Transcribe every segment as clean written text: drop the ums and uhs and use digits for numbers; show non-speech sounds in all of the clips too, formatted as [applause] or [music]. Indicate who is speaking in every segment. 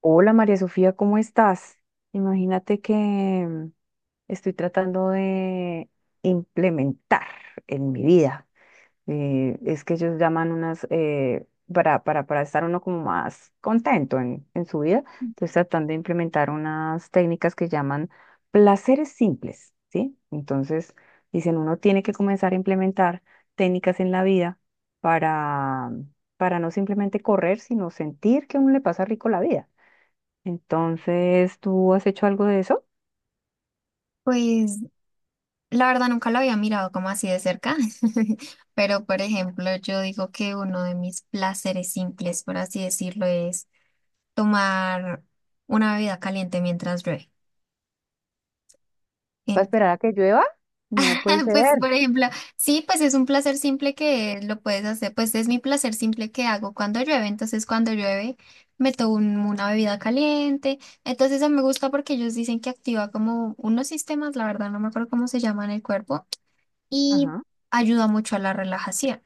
Speaker 1: Hola María Sofía, ¿cómo estás? Imagínate que estoy tratando de implementar en mi vida. Es que ellos llaman unas, para estar uno como más contento en su vida, estoy tratando de implementar unas técnicas que llaman placeres simples, ¿sí? Entonces, dicen, uno tiene que comenzar a implementar técnicas en la vida para, para no simplemente correr, sino sentir que a uno le pasa rico la vida. Entonces, ¿tú has hecho algo de eso?
Speaker 2: Pues la verdad nunca lo había mirado como así de cerca, [laughs] pero por ejemplo yo digo que uno de mis placeres simples, por así decirlo, es tomar una bebida caliente mientras llueve.
Speaker 1: ¿Para
Speaker 2: En-
Speaker 1: esperar a que llueva? No puede
Speaker 2: [laughs]
Speaker 1: ser.
Speaker 2: Pues por ejemplo, sí, pues es un placer simple que lo puedes hacer, pues es mi placer simple que hago cuando llueve, entonces cuando llueve me tomo una bebida caliente, entonces eso me gusta porque ellos dicen que activa como unos sistemas, la verdad no me acuerdo cómo se llaman en el cuerpo y
Speaker 1: Ajá.
Speaker 2: ayuda mucho a la relajación.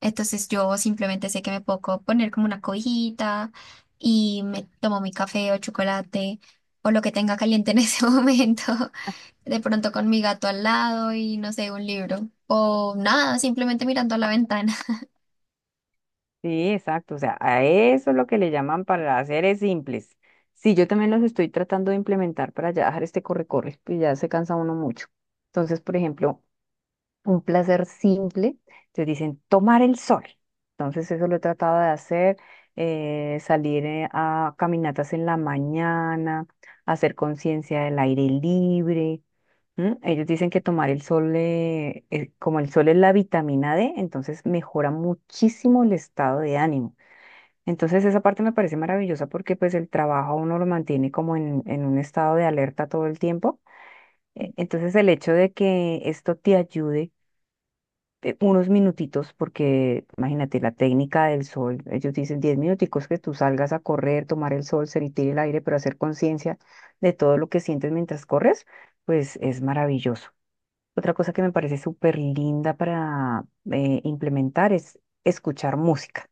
Speaker 2: Entonces yo simplemente sé que me puedo poner como una cobijita y me tomo mi café o chocolate o lo que tenga caliente en [laughs] ese momento, de pronto con mi gato al lado y no sé, un libro o nada, simplemente mirando a la ventana.
Speaker 1: Sí, exacto. O sea, a eso es lo que le llaman para seres simples. Sí, yo también los estoy tratando de implementar para ya dejar este corre-corre, pues ya se cansa uno mucho. Entonces, por ejemplo, un placer simple, te dicen tomar el sol. Entonces, eso lo he tratado de hacer, salir a caminatas en la mañana, hacer conciencia del aire libre. ¿Mm? Ellos dicen que tomar el sol, como el sol es la vitamina D, entonces mejora muchísimo el estado de ánimo. Entonces esa parte me parece maravillosa porque pues el trabajo a uno lo mantiene como en un estado de alerta todo el tiempo. Entonces el hecho de que esto te ayude unos minutitos, porque imagínate la técnica del sol, ellos dicen 10 minuticos que tú salgas a correr, tomar el sol, sentir el aire, pero hacer conciencia de todo lo que sientes mientras corres, pues es maravilloso. Otra cosa que me parece súper linda para implementar es escuchar música.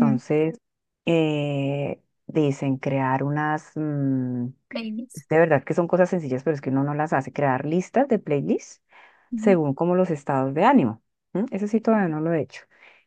Speaker 2: Mm.
Speaker 1: dicen crear
Speaker 2: [laughs] Babies.
Speaker 1: es de verdad que son cosas sencillas, pero es que uno no las hace. Crear listas de playlists
Speaker 2: Ujú.
Speaker 1: según como los estados de ánimo. ¿M? Eso sí todavía no lo he hecho.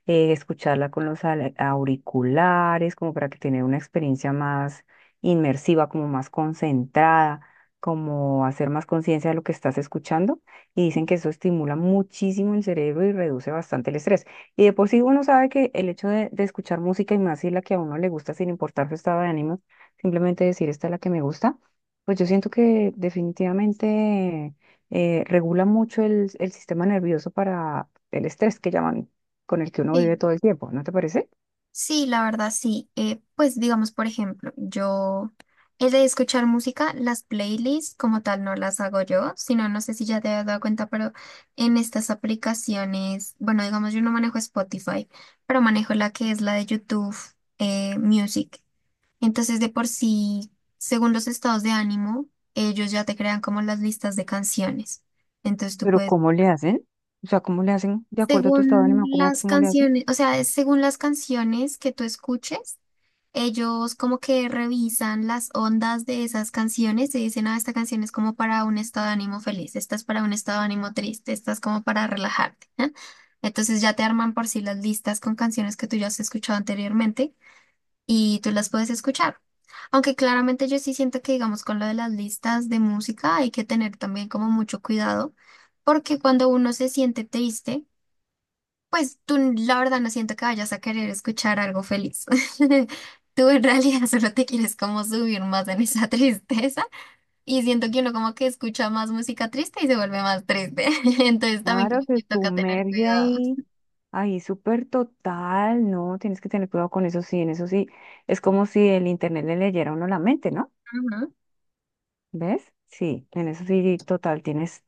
Speaker 1: Escucharla con los auriculares, como para que tener una experiencia más inmersiva, como más concentrada, como hacer más conciencia de lo que estás escuchando. Y dicen que eso estimula muchísimo el cerebro y reduce bastante el estrés. Y de por sí uno sabe que el hecho de escuchar música y más si la que a uno le gusta, sin importar su estado de ánimo, simplemente decir esta es la que me gusta, pues yo siento que definitivamente regula mucho el sistema nervioso para el estrés que llaman, con el que uno vive
Speaker 2: Sí.
Speaker 1: todo el tiempo, ¿no te parece?
Speaker 2: Sí, la verdad sí. Pues digamos, por ejemplo, yo he de escuchar música, las playlists como tal no las hago yo, sino no sé si ya te has dado cuenta, pero en estas aplicaciones, bueno, digamos, yo no manejo Spotify, pero manejo la que es la de YouTube Music. Entonces, de por sí, según los estados de ánimo, ellos ya te crean como las listas de canciones. Entonces tú
Speaker 1: Pero
Speaker 2: puedes,
Speaker 1: ¿cómo le hacen? O sea, ¿cómo le hacen de acuerdo a tu estado de
Speaker 2: según
Speaker 1: ánimo? ¿Cómo,
Speaker 2: las
Speaker 1: cómo le hacen?
Speaker 2: canciones, o sea, según las canciones que tú escuches. Ellos como que revisan las ondas de esas canciones y dicen, ah, esta canción es como para un estado de ánimo feliz, esta es para un estado de ánimo triste, esta es como para relajarte, ¿eh? Entonces ya te arman por sí las listas con canciones que tú ya has escuchado anteriormente y tú las puedes escuchar. Aunque claramente yo sí siento que, digamos, con lo de las listas de música hay que tener también como mucho cuidado, porque cuando uno se siente triste, pues tú, la verdad, no siento que vayas a querer escuchar algo feliz. [laughs] Tú en realidad [laughs] solo te quieres como subir más en esa [laughs] tristeza y siento que uno como que escucha más música triste y se vuelve más triste. [laughs] Entonces también
Speaker 1: Claro,
Speaker 2: como
Speaker 1: se
Speaker 2: que toca tener
Speaker 1: sumerge
Speaker 2: cuidado.
Speaker 1: ahí súper total, ¿no? Tienes que tener cuidado con eso, sí, en eso sí. Es como si el internet le leyera a uno la mente, ¿no?
Speaker 2: Ajá.
Speaker 1: ¿Ves? Sí, en eso sí, total, tienes,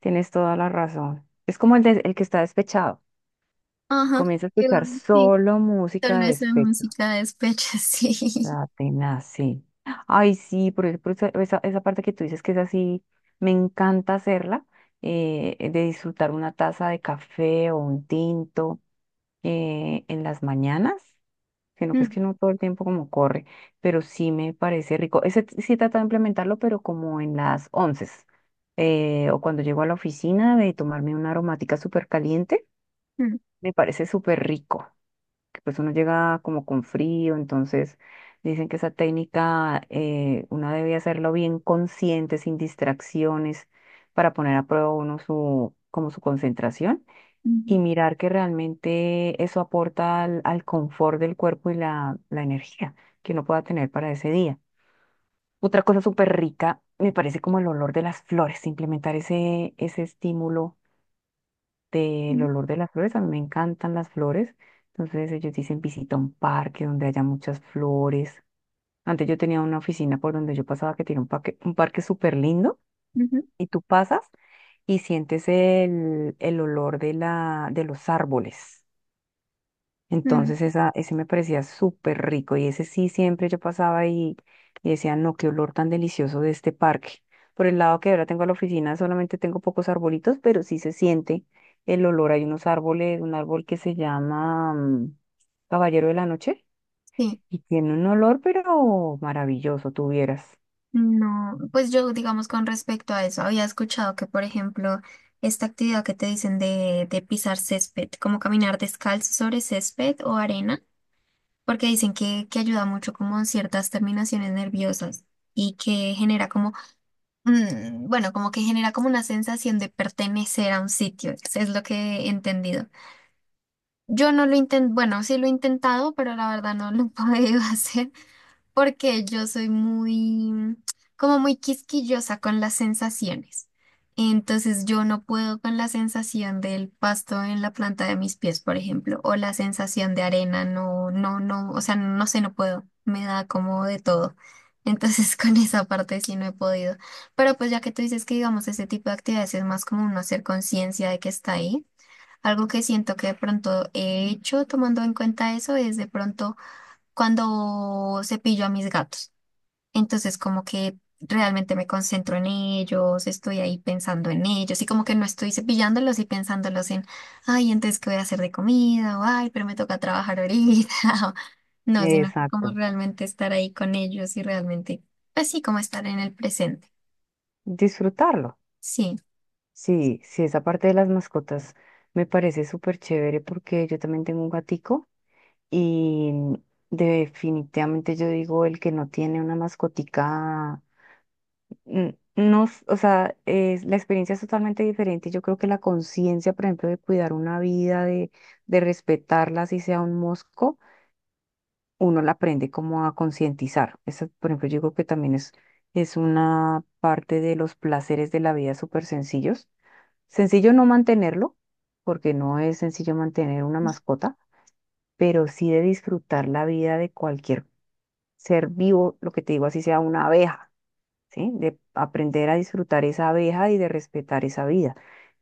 Speaker 1: tienes toda la razón. Es como el que está despechado.
Speaker 2: Ajá.
Speaker 1: Comienza a
Speaker 2: Yo,
Speaker 1: escuchar
Speaker 2: sí,
Speaker 1: solo música
Speaker 2: solo
Speaker 1: de
Speaker 2: esa
Speaker 1: despecho.
Speaker 2: música de despecho, [laughs] sí.
Speaker 1: La tenaz, sí. Ay, sí, esa parte que tú dices que es así, me encanta hacerla, de disfrutar una taza de café o un tinto en las mañanas, sino que es
Speaker 2: Mm,
Speaker 1: que no todo el tiempo como corre, pero sí me parece rico. Sí he tratado de implementarlo, pero como en las once o cuando llego a la oficina de tomarme una aromática súper caliente,
Speaker 2: mm,
Speaker 1: me parece súper rico. Pues uno llega como con frío, entonces dicen que esa técnica uno debe hacerlo bien consciente, sin distracciones, para poner a prueba uno como su concentración
Speaker 2: mm,
Speaker 1: y mirar que realmente eso aporta al confort del cuerpo y la energía que uno pueda tener para ese día. Otra cosa súper rica, me parece como el olor de las flores, implementar ese estímulo del
Speaker 2: mm,
Speaker 1: olor de las flores. A mí me encantan las flores. Entonces ellos dicen visita un parque donde haya muchas flores. Antes yo tenía una oficina por donde yo pasaba que tiene un parque súper lindo,
Speaker 2: mm,
Speaker 1: y tú pasas y sientes el olor de los árboles.
Speaker 2: mm, mm.
Speaker 1: Entonces esa, ese me parecía súper rico, y ese sí siempre yo pasaba y decía, no, qué olor tan delicioso de este parque. Por el lado que ahora tengo a la oficina solamente tengo pocos arbolitos, pero sí se siente el olor. Hay unos árboles, un árbol que se llama Caballero de la Noche,
Speaker 2: Sí.
Speaker 1: y tiene un olor, pero maravilloso, tuvieras.
Speaker 2: No, pues yo digamos con respecto a eso, había escuchado que, por ejemplo, esta actividad que te dicen de pisar césped, como caminar descalzo sobre césped o arena, porque dicen que ayuda mucho como en ciertas terminaciones nerviosas y que genera como, bueno, como que genera como una sensación de pertenecer a un sitio, eso es lo que he entendido. Yo no lo intento, bueno, sí lo he intentado, pero la verdad no lo he podido [laughs] hacer porque yo soy muy, como muy quisquillosa con las sensaciones. Entonces yo no puedo con la sensación del pasto en la planta de mis pies, por ejemplo, o la sensación de arena, no, no, no, o sea, no sé, no puedo, me da como de todo. Entonces [laughs] con esa parte sí no he podido. Pero pues ya que tú dices que digamos ese tipo de actividades es más como uno hacer conciencia de que está ahí, algo que siento que de pronto he hecho tomando en cuenta eso es de pronto cuando cepillo a mis gatos. Entonces, como que realmente me concentro en ellos, estoy ahí pensando en ellos y como que no estoy cepillándolos y pensándolos en, ay, entonces, ¿qué voy a hacer de comida? O, ay, pero me toca trabajar ahorita. [laughs] o, No, sino que como
Speaker 1: Exacto.
Speaker 2: realmente estar ahí con ellos y realmente, pues sí, como estar en el presente.
Speaker 1: Disfrutarlo.
Speaker 2: Sí.
Speaker 1: Sí, sí, esa parte de las mascotas me parece súper chévere porque yo también tengo un gatico. Y definitivamente yo digo, el que no tiene una mascotica, no, o sea, la experiencia es totalmente diferente. Yo creo que la conciencia, por ejemplo, de cuidar una vida, de respetarla, si sea un mosco, uno la aprende como a concientizar. Eso, por ejemplo, yo digo que también es una parte de los placeres de la vida súper sencillos. Sencillo no mantenerlo, porque no es sencillo mantener una mascota, pero sí de disfrutar la vida de cualquier ser vivo, lo que te digo, así sea una abeja, ¿sí? De aprender a disfrutar esa abeja y de respetar esa vida.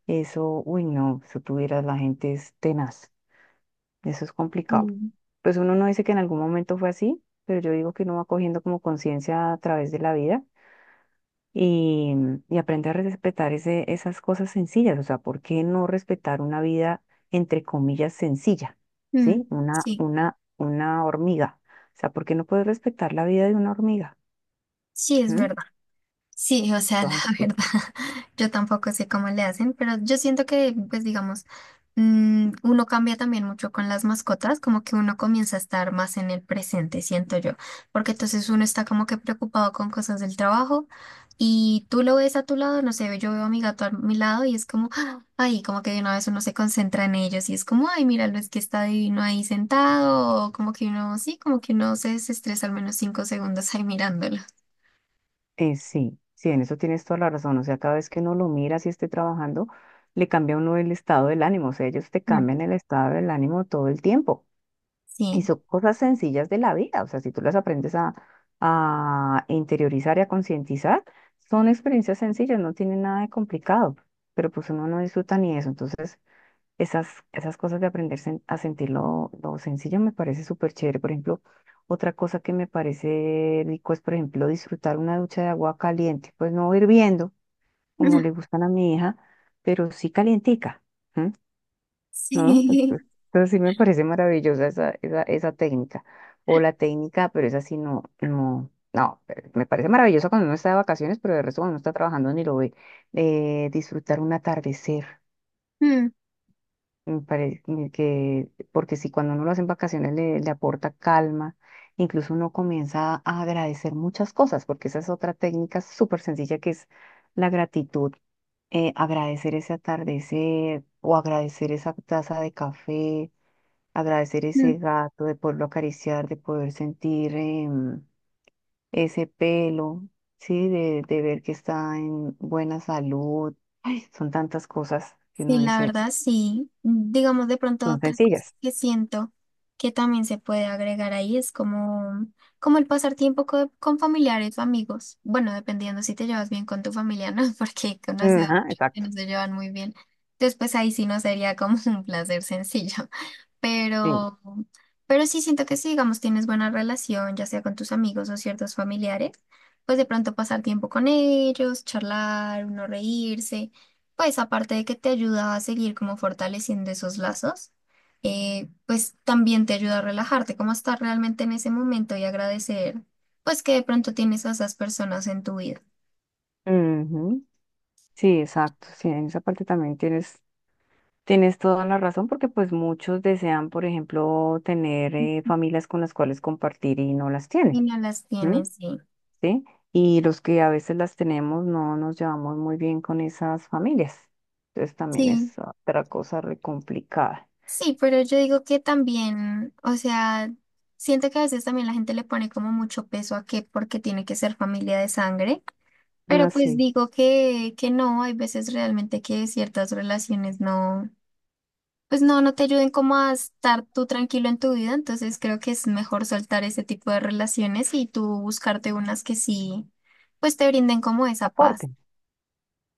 Speaker 1: Eso, uy, no, si tuvieras la gente es tenaz, eso es complicado.
Speaker 2: Mm.
Speaker 1: Pues uno no dice que en algún momento fue así, pero yo digo que uno va cogiendo como conciencia a través de la vida y, y aprende a respetar esas cosas sencillas, o sea, ¿por qué no respetar una vida entre comillas sencilla?
Speaker 2: Mm,
Speaker 1: ¿Sí? Una,
Speaker 2: sí,
Speaker 1: una, una hormiga. O sea, ¿por qué no puedes respetar la vida de una hormiga?
Speaker 2: sí, es
Speaker 1: Ujú.
Speaker 2: verdad. Sí, o sea, [laughs] la
Speaker 1: Entonces,
Speaker 2: verdad, yo tampoco sé cómo le hacen, pero yo siento que, pues digamos, uno cambia también mucho con las mascotas, como que uno comienza a estar más en el presente, siento yo, porque entonces uno está como que preocupado con cosas del trabajo y tú lo ves a tu lado, no sé, yo veo a mi gato a mi lado y es como, ¡ah! Ay, como que de una vez uno se concentra en ellos y es como, ay, míralo, es que está divino ahí sentado, o como que uno, sí, como que uno se desestresa al menos 5 segundos ahí mirándolo.
Speaker 1: sí, sí, en eso tienes toda la razón. O sea, cada vez que uno lo mira, si esté trabajando, le cambia a uno el estado del ánimo. O sea, ellos te
Speaker 2: Mm.
Speaker 1: cambian el estado del ánimo todo el tiempo. Y
Speaker 2: Sí.
Speaker 1: son cosas sencillas de la vida. O sea, si tú las aprendes a interiorizar y a concientizar, son experiencias sencillas, no tienen nada de complicado. Pero pues uno no disfruta ni eso. Entonces, esas cosas de aprender a sentir lo sencillo me parece súper chévere. Por ejemplo, otra cosa que me parece rico es, por ejemplo, disfrutar una ducha de agua caliente. Pues no hirviendo, como le
Speaker 2: [laughs]
Speaker 1: gustan a mi hija, pero sí calientica, ¿m? ¿No?
Speaker 2: Sí.
Speaker 1: Entonces,
Speaker 2: [laughs]
Speaker 1: entonces sí me parece maravillosa esa técnica. O la técnica, pero esa sí no, no, no. Pero me parece maravillosa cuando uno está de vacaciones, pero de resto cuando uno está trabajando ni lo ve. Disfrutar un atardecer.
Speaker 2: Mm,
Speaker 1: Me parece que, porque si cuando uno lo hace en vacaciones le aporta calma, incluso uno comienza a agradecer muchas cosas, porque esa es otra técnica súper sencilla que es la gratitud. Agradecer ese atardecer o agradecer esa taza de café, agradecer
Speaker 2: mm.
Speaker 1: ese gato, de poderlo acariciar, de poder sentir ese pelo, ¿sí? De ver que está en buena salud. Ay, son tantas cosas que uno
Speaker 2: Sí, la
Speaker 1: dice,
Speaker 2: verdad, sí. Digamos de pronto
Speaker 1: son
Speaker 2: otra cosa
Speaker 1: sencillas.
Speaker 2: que siento que también se puede agregar ahí es como, como el pasar tiempo con, familiares o amigos. Bueno, dependiendo si te llevas bien con tu familia, ¿no? [laughs] Porque he conocido
Speaker 1: Ajá,
Speaker 2: muchos que
Speaker 1: exacto.
Speaker 2: no se llevan muy bien. Entonces pues ahí sí no sería como [laughs] un placer sencillo.
Speaker 1: Sí,
Speaker 2: Pero, pero sí siento que si, digamos, tienes buena relación, ya sea con tus amigos o ciertos familiares, pues de pronto pasar tiempo con ellos, charlar, uno reírse. Pues aparte de que te ayuda a seguir como fortaleciendo esos lazos, pues también te ayuda a relajarte, como a estar realmente en ese momento y agradecer, pues que de pronto tienes a esas personas en tu vida
Speaker 1: ujú, sí, exacto. Sí, en esa parte también tienes toda la razón, porque pues muchos desean, por ejemplo, tener familias con las cuales compartir y no las
Speaker 2: y
Speaker 1: tienen,
Speaker 2: no las
Speaker 1: ¿m?
Speaker 2: tienes, sí.
Speaker 1: ¿Sí? Y los que a veces las tenemos no nos llevamos muy bien con esas familias. Entonces también
Speaker 2: Sí,
Speaker 1: es otra cosa re complicada.
Speaker 2: sí, pero yo digo que también, o sea, siento que a veces también la gente le pone como mucho peso a que porque tiene que ser familia de sangre, pero pues
Speaker 1: Así,
Speaker 2: digo que no, hay veces realmente que ciertas relaciones no. Pues no, no te ayuden como a estar tú tranquilo en tu vida, entonces creo que es mejor soltar ese tipo de relaciones y tú buscarte unas que sí, pues te brinden como esa paz.
Speaker 1: aporte.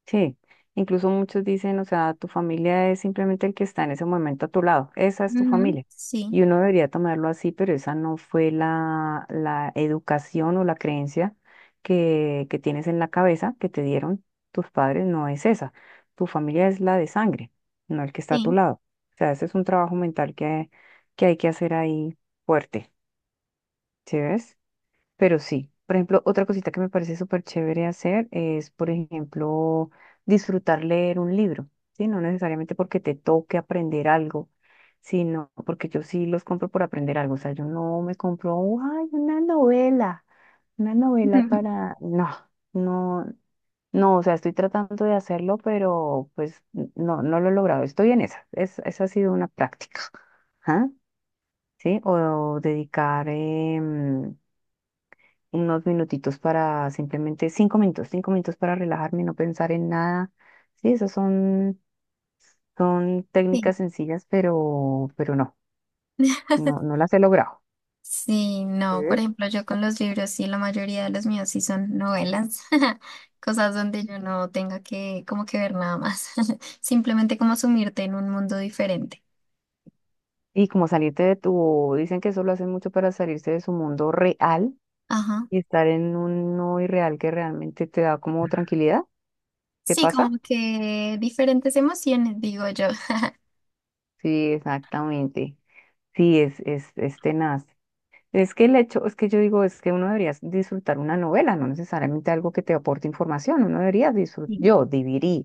Speaker 1: Sí, incluso muchos dicen, o sea, tu familia es simplemente el que está en ese momento a tu lado, esa es tu
Speaker 2: Ujú,
Speaker 1: familia.
Speaker 2: sí,
Speaker 1: Y uno debería tomarlo así, pero esa no fue la educación o la creencia que tienes en la cabeza, que te dieron tus padres, no es esa. Tu familia es la de sangre, no el que está a tu
Speaker 2: sí,
Speaker 1: lado. O sea, ese es un trabajo mental que hay que hacer ahí fuerte, ¿sí ves? Pero sí, por ejemplo, otra cosita que me parece súper chévere hacer es, por ejemplo, disfrutar leer un libro, ¿sí? No necesariamente porque te toque aprender algo, sino porque yo sí los compro por aprender algo. O sea, yo no me compro, ay, una novela
Speaker 2: [laughs]
Speaker 1: para. No, no, no, o sea, estoy tratando de hacerlo, pero pues no, no lo he logrado. Estoy en esa ha sido una práctica, ¿ah? ¿Sí? O dedicar, unos minutitos para simplemente 5 minutos, 5 minutos para relajarme, no pensar en nada. Sí, esas son
Speaker 2: sí.
Speaker 1: técnicas sencillas, pero no, no,
Speaker 2: [laughs]
Speaker 1: no las he logrado.
Speaker 2: Sí, no, por
Speaker 1: ¿Ves?
Speaker 2: ejemplo, yo con los libros, sí, la mayoría de los míos sí son novelas, [laughs] cosas donde yo no tenga que como que ver nada más, [laughs] simplemente como sumirte en un mundo diferente.
Speaker 1: Y como salirte dicen que eso lo hacen mucho para salirse de su mundo real
Speaker 2: Ajá.
Speaker 1: y estar en un no irreal que realmente te da como tranquilidad. ¿Te
Speaker 2: Sí,
Speaker 1: pasa?
Speaker 2: como que diferentes emociones, digo yo. [laughs]
Speaker 1: Sí, exactamente. Sí, es tenaz. Es que el hecho, es que yo digo, es que uno debería disfrutar una novela, no necesariamente algo que te aporte información, uno debería disfrutar,
Speaker 2: Sí.
Speaker 1: yo debería,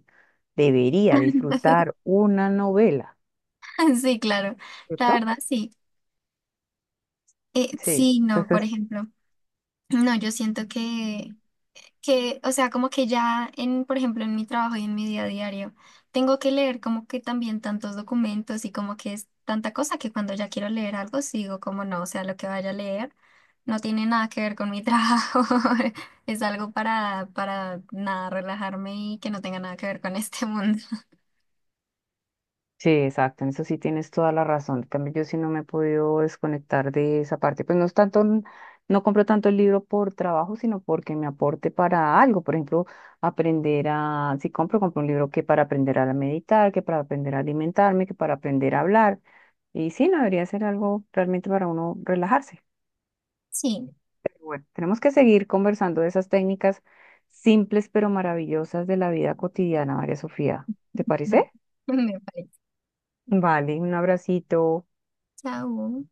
Speaker 1: debería
Speaker 2: [laughs]
Speaker 1: disfrutar una novela,
Speaker 2: [laughs] Sí, claro, la
Speaker 1: ¿cierto?
Speaker 2: verdad sí.
Speaker 1: Sí.
Speaker 2: Sí, no, por
Speaker 1: Entonces,
Speaker 2: ejemplo, no, yo siento que, o sea, como que ya en, por ejemplo, en mi trabajo y en mi día a diario, tengo que leer como que también tantos documentos y como que es tanta cosa que cuando ya quiero leer algo sigo como no, o sea, lo que vaya a leer no tiene nada que ver con mi trabajo, [laughs] es algo para nada, relajarme y que no tenga nada que ver con este mundo.
Speaker 1: sí, exacto, en eso sí tienes toda la razón. En cambio, yo sí no me he podido desconectar de esa parte. Pues no es tanto, no compro tanto el libro por trabajo, sino porque me aporte para algo. Por ejemplo, aprender a, si compro, compro un libro que para aprender a meditar, que para aprender a alimentarme, que para aprender a hablar. Y sí, no debería ser algo realmente para uno relajarse.
Speaker 2: Sí,
Speaker 1: Bueno, tenemos que seguir conversando de esas técnicas simples pero maravillosas de la vida cotidiana, María Sofía. ¿Te parece?
Speaker 2: vale, [laughs] me parece.
Speaker 1: Vale, un abracito.
Speaker 2: Chao.